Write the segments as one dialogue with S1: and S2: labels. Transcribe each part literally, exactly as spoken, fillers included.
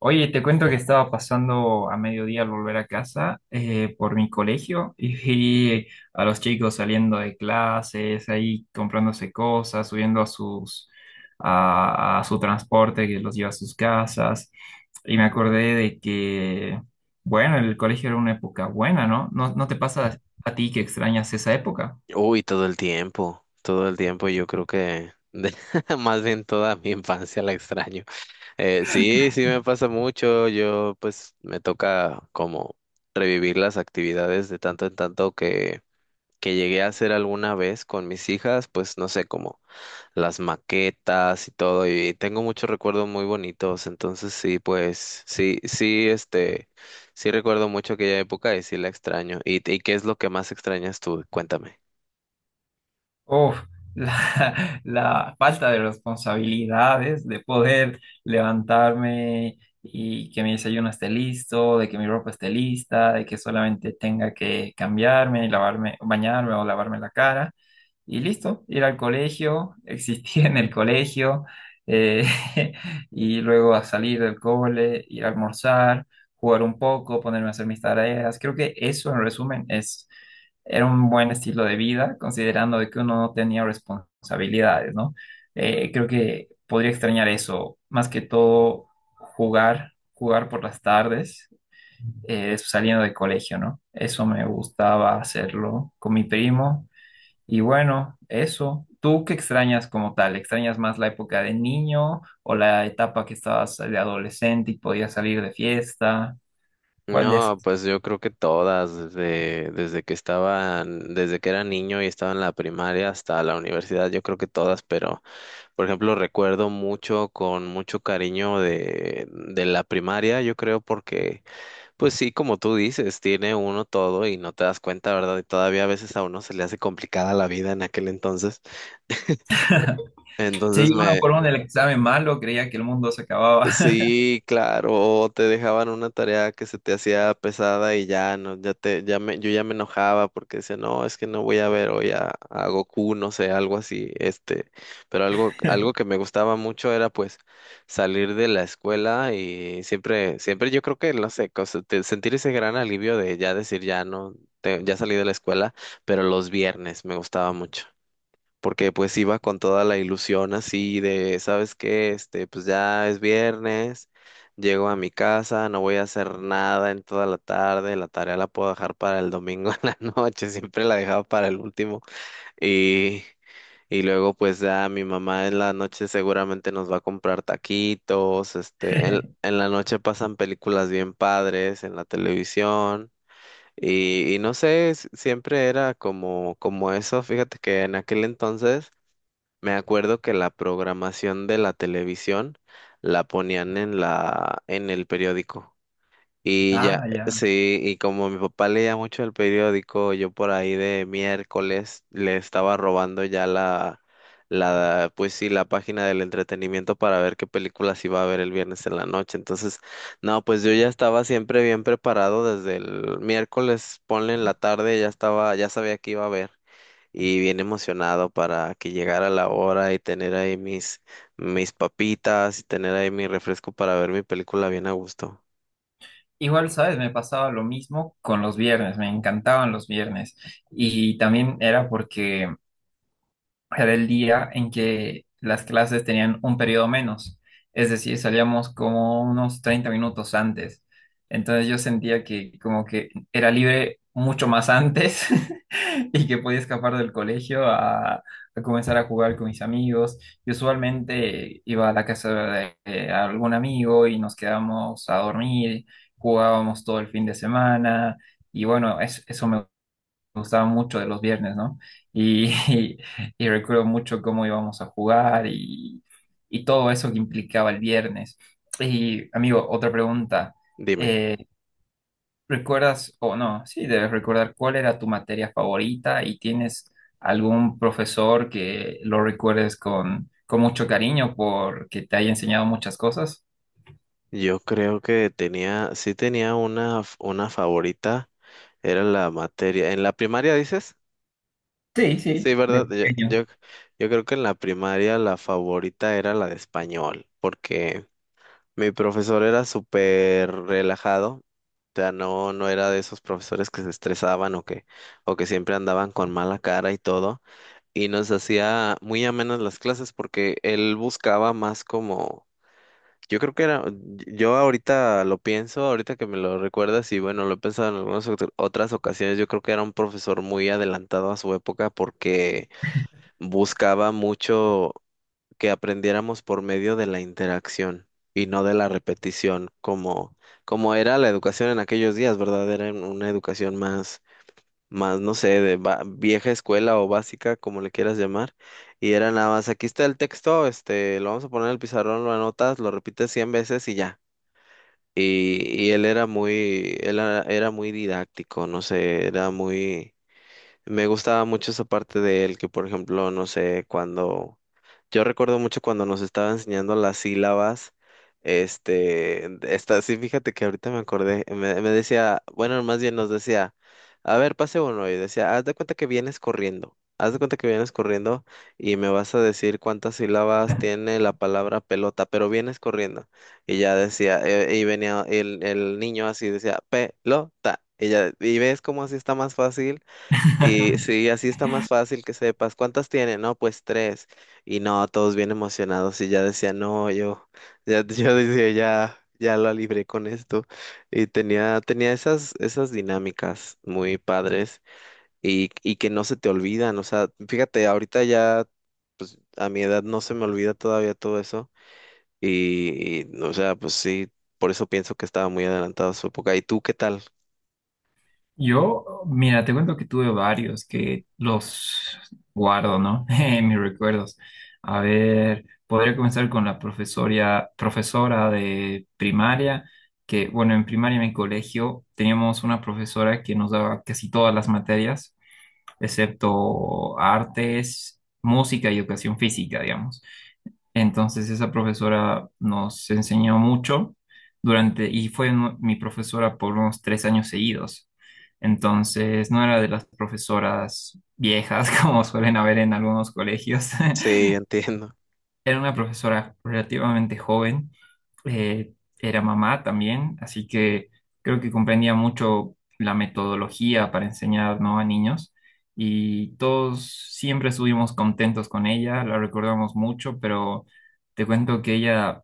S1: Oye, te cuento que estaba pasando a mediodía al volver a casa eh, por mi colegio y vi a los chicos saliendo de clases, ahí comprándose cosas, subiendo a sus a, a su transporte que los lleva a sus casas. Y me acordé de que, bueno, el colegio era una época buena, ¿no? ¿No, no te pasa a ti que extrañas esa época?
S2: Uy, todo el tiempo, todo el tiempo yo creo que de- más bien toda mi infancia la extraño. Eh, sí, sí me pasa mucho, yo pues me toca como revivir las actividades de tanto en tanto que, que llegué a hacer alguna vez con mis hijas, pues no sé, como las maquetas y todo, y tengo muchos recuerdos muy bonitos, entonces sí, pues sí, sí, este, sí recuerdo mucho aquella época y sí la extraño. ¿Y, y qué es lo que más extrañas tú? Cuéntame.
S1: Uf, la, la falta de responsabilidades, de poder levantarme y que mi desayuno esté listo, de que mi ropa esté lista, de que solamente tenga que cambiarme y lavarme, bañarme o lavarme la cara. Y listo, ir al colegio, existir en el colegio, eh, y luego a salir del cole, ir a almorzar, jugar un poco, ponerme a hacer mis tareas. Creo que eso en resumen es era un buen estilo de vida, considerando de que uno no tenía responsabilidades, ¿no? Eh, creo que podría extrañar eso, más que todo jugar, jugar por las tardes, eh, saliendo de colegio, ¿no? Eso me gustaba hacerlo con mi primo. Y bueno, eso. ¿Tú qué extrañas como tal? ¿Extrañas más la época de niño o la etapa que estabas de adolescente y podías salir de fiesta? ¿Cuál de
S2: No,
S1: esas?
S2: pues yo creo que todas, desde, desde que estaban, desde que era niño y estaba en la primaria hasta la universidad, yo creo que todas, pero por ejemplo recuerdo mucho con mucho cariño de, de la primaria, yo creo porque, pues sí, como tú dices, tiene uno todo y no te das cuenta, ¿verdad? Y todavía a veces a uno se le hace complicada la vida en aquel entonces. Entonces
S1: Sí, uno
S2: me,
S1: por uno el examen malo, creía que el mundo se acababa.
S2: Sí, claro, o te dejaban una tarea que se te hacía pesada y ya no, ya te, ya me, yo ya me enojaba porque decía, no, es que no voy a ver hoy a, a Goku, no sé, algo así, este, pero algo, algo que me gustaba mucho era pues salir de la escuela y siempre, siempre yo creo que, no sé, cosa- te- sentir ese gran alivio de ya decir, ya no, te- ya salí de la escuela, pero los viernes me gustaba mucho porque pues iba con toda la ilusión así de, ¿sabes qué? Este, pues ya es viernes, llego a mi casa, no voy a hacer nada en toda la tarde, la tarea la puedo dejar para el domingo en la noche, siempre la dejaba para el último. Y y luego pues ya mi mamá en la noche seguramente nos va a comprar taquitos, este, en, en la noche pasan películas bien padres en la televisión. Y, y no sé, s- siempre era como, como eso, fíjate que en aquel entonces me acuerdo que la programación de la televisión la ponían en la, en el periódico. Y ya,
S1: Ah, ya.
S2: sí, y como mi papá leía mucho el periódico, yo por ahí de miércoles le estaba robando ya la, la, pues sí, la página del entretenimiento para ver qué películas iba a ver el viernes en la noche. Entonces, no, pues yo ya estaba siempre bien preparado desde el miércoles, ponle en la tarde, ya estaba, ya sabía que iba a ver y bien emocionado para que llegara la hora y tener ahí mis, mis papitas y tener ahí mi refresco para ver mi película bien a gusto.
S1: Igual, ¿sabes? Me pasaba lo mismo con los viernes, me encantaban los viernes. Y también era porque era el día en que las clases tenían un periodo menos, es decir, salíamos como unos treinta minutos antes. Entonces yo sentía que como que era libre mucho más antes y que podía escapar del colegio a, a comenzar a jugar con mis amigos. Y usualmente iba a la casa de, de algún amigo y nos quedábamos a dormir, jugábamos todo el fin de semana y bueno, es- eso me gustaba mucho de los viernes, ¿no? Y, y, y recuerdo mucho cómo íbamos a jugar y, y todo eso que implicaba el viernes. Y, amigo, otra pregunta.
S2: Dime,
S1: Eh, ¿recuerdas o no? Sí, debes recordar cuál era tu materia favorita y tienes algún profesor que lo recuerdes con, con mucho cariño porque te haya enseñado muchas cosas.
S2: yo creo que tenía, sí tenía una, f- una favorita, era la materia. ¿En la primaria dices?
S1: Sí,
S2: Sí,
S1: sí, de
S2: ¿verdad? Yo,
S1: pequeño.
S2: yo, yo creo que en la primaria la favorita era la de español, porque mi profesor era súper relajado, o sea, no, no era de esos profesores que se estresaban o que, o que siempre andaban con mala cara y todo, y nos hacía muy amenas las clases porque él buscaba más como, yo creo que era, yo ahorita lo pienso, ahorita que me lo recuerdas y bueno, lo he pensado en algunas otra- otras ocasiones, yo creo que era un profesor muy adelantado a su época porque buscaba mucho que aprendiéramos por medio de la interacción y no de la repetición, como, como era la educación en aquellos días, ¿verdad? Era un- una educación más, más, no sé, de ba- vieja escuela o básica, como le quieras llamar, y era nada más, aquí está el texto, este, lo vamos a poner en el pizarrón, lo anotas, lo repites cien veces y ya. Y, y él era muy, él era, era muy didáctico, no sé, era muy, me gustaba mucho esa parte de él, que por ejemplo, no sé, cuando yo recuerdo mucho cuando nos estaba enseñando las sílabas, este, esta, sí, fíjate que ahorita me acordé, me, me decía, bueno, más bien nos decía, a ver, pase uno, y decía, haz de cuenta que vienes corriendo, haz de cuenta que vienes corriendo y me vas a decir cuántas sílabas tiene la palabra pelota, pero vienes corriendo, y ya decía, eh, y venía el, el niño así, decía, pelota, y ya, y ves cómo así está más fácil. Y sí, así está más fácil que sepas. ¿Cuántas tiene? No, pues tres. Y no, todos bien emocionados y ya decía, no, yo, ya, yo decía, ya, ya la libré con esto. Y tenía, tenía esas, esas dinámicas muy padres y, y que no se te olvidan. O sea, fíjate, ahorita ya a mi edad no se me olvida todavía todo eso. Y, y, o sea, pues sí, por eso pienso que estaba muy adelantado a su época. ¿Y tú qué tal?
S1: Yo, mira, te cuento que tuve varios que los guardo, ¿no? En mis recuerdos. A ver, podría comenzar con la profesoria, profesora de primaria, que, bueno, en primaria en mi colegio teníamos una profesora que nos daba casi todas las materias, excepto artes, música y educación física, digamos. Entonces esa profesora nos enseñó mucho durante, y fue nu- mi profesora por unos tres años seguidos. Entonces no era de las profesoras viejas como suelen haber en algunos colegios,
S2: Sí, entiendo.
S1: era una profesora relativamente joven, eh, era mamá también, así que creo que comprendía mucho la metodología para enseñar, ¿no? A niños y todos siempre estuvimos contentos con ella, la recordamos mucho, pero te cuento que ella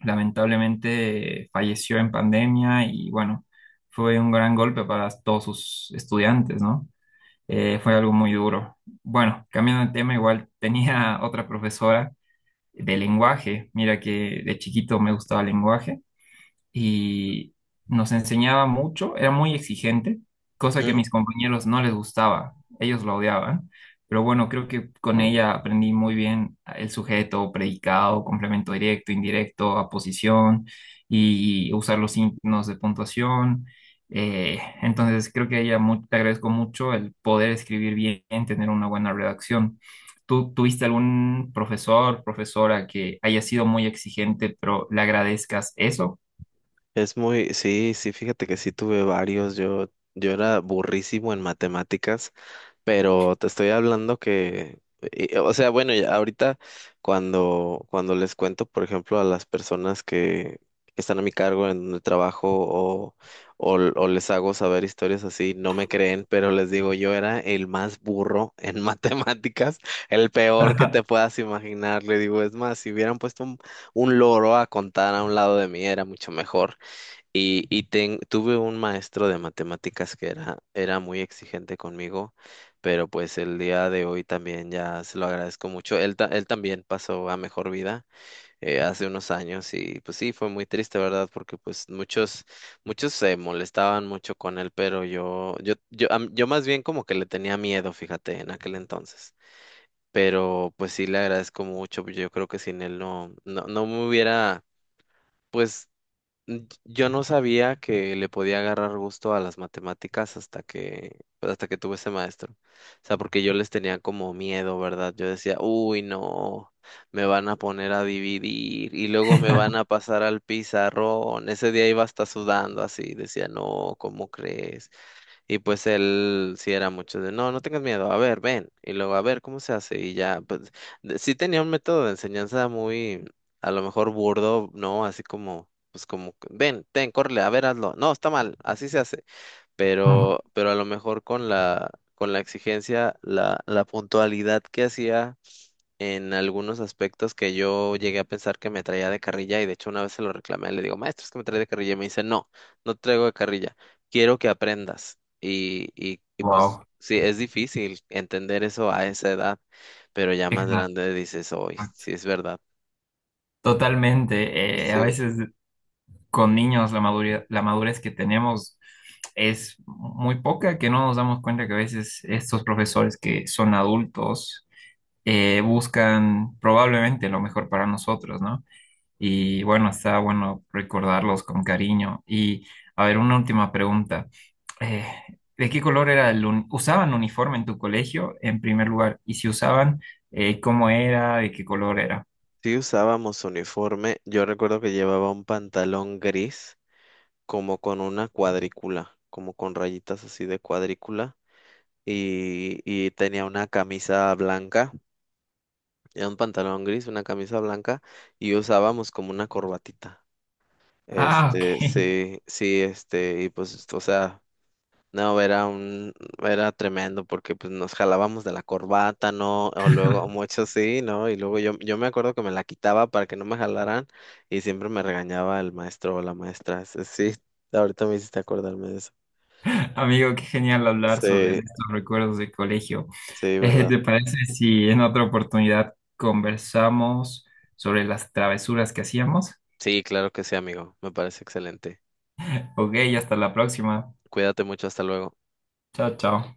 S1: lamentablemente falleció en pandemia y bueno, fue un gran golpe para todos sus estudiantes, ¿no? Eh, fue algo muy duro. Bueno, cambiando de tema, igual tenía otra profesora de lenguaje. Mira que de chiquito me gustaba el lenguaje y nos enseñaba mucho, era muy exigente, cosa que a mis compañeros no les gustaba, ellos lo odiaban, pero bueno, creo que con ella aprendí muy bien el sujeto, predicado, complemento directo, indirecto, aposición y usar los signos de puntuación. Eh, entonces creo que a ella mu- te agradezco mucho el poder escribir bien, tener una buena redacción. ¿Tú tuviste algún profesor, profesora que haya sido muy exigente, pero le agradezcas eso?
S2: Es muy, sí, sí, fíjate que sí tuve varios. Yo, yo era burrísimo en matemáticas, pero te estoy hablando que, y- o sea, bueno, ya ahorita cuando, cuando les cuento, por ejemplo, a las personas que están a mi cargo en el trabajo o, o, o les hago saber historias así, no me creen, pero les digo, yo era el más burro en matemáticas, el peor que te puedas imaginar. Le digo, es más, si hubieran puesto un, un loro a contar a un lado de mí, era mucho mejor. Y, y ten- tuve un maestro de matemáticas que era, era muy exigente conmigo, pero pues el día de hoy también ya se lo agradezco mucho. Él, ta- él también pasó a mejor vida, eh, hace unos años y pues sí, fue muy triste, ¿verdad? Porque pues muchos, muchos se molestaban mucho con él, pero yo, yo, yo, am- yo más bien como que le tenía miedo, fíjate, en aquel entonces. Pero pues sí le agradezco mucho, yo creo que sin él no, no, no me hubiera pues. Mm, yo no sabía que le podía agarrar gusto a las matemáticas hasta que, pues, hasta que tuve ese maestro. O sea, porque yo les tenía como miedo, ¿verdad? Yo decía, uy, no, me van a poner a dividir y luego me van a pasar al pizarrón. Ese día iba hasta sudando así, decía, no, ¿cómo crees? Y pues él sí era mucho de, no, no tengas miedo, a ver, ven, y luego a ver cómo se hace, y ya, pues de- sí tenía un método de enseñanza muy, a lo mejor burdo, ¿no? Así como, pues como, ven, ten, córrele, a ver, hazlo, no, está mal, así se hace, pero, pero a lo mejor con la, con la exigencia, la, la puntualidad que hacía en algunos aspectos que yo llegué a pensar que me traía de carrilla y de hecho una vez se lo reclamé, le digo, maestro, es que me trae de carrilla y me dice, no, no te traigo de carrilla, quiero que aprendas. Y, y, y pues
S1: Wow,
S2: sí, es difícil entender eso a esa edad, pero ya más
S1: exacto.
S2: grande dices, hoy, sí es verdad.
S1: Totalmente. Eh, a
S2: Sí,
S1: veces con niños la madurez, la madurez que tenemos es muy poca, que no nos damos cuenta que a veces estos profesores que son adultos eh, buscan probablemente lo mejor para nosotros, ¿no? Y bueno, está bueno recordarlos con cariño. Y a ver, una última pregunta. Eh, ¿de qué color era el uni- usaban uniforme en tu colegio en primer lugar? Y si usaban, eh, ¿cómo era? ¿De qué color era?
S2: sí usábamos uniforme, yo recuerdo que llevaba un pantalón gris como con una cuadrícula, como con rayitas así de cuadrícula. Y, y tenía una camisa blanca. Era un pantalón gris, una camisa blanca y usábamos como una corbatita.
S1: Ah, ok.
S2: Este, sí, sí, este, y pues, o sea, no, era un, era tremendo porque pues nos jalábamos de la corbata, ¿no? O luego, mucho sí, ¿no? Y luego yo, yo me acuerdo que me la quitaba para que no me jalaran y siempre me regañaba el maestro o la maestra. Sí, sí, ahorita me hiciste acordarme de eso.
S1: Amigo, qué genial hablar sobre
S2: Sí,
S1: estos recuerdos de colegio.
S2: sí,
S1: Eh,
S2: ¿verdad?
S1: ¿te parece si en otra oportunidad conversamos sobre las travesuras que hacíamos?
S2: Sí, claro que sí, amigo. Me parece excelente.
S1: Ok, hasta la próxima.
S2: Cuídate mucho, hasta luego.
S1: Chao, chao.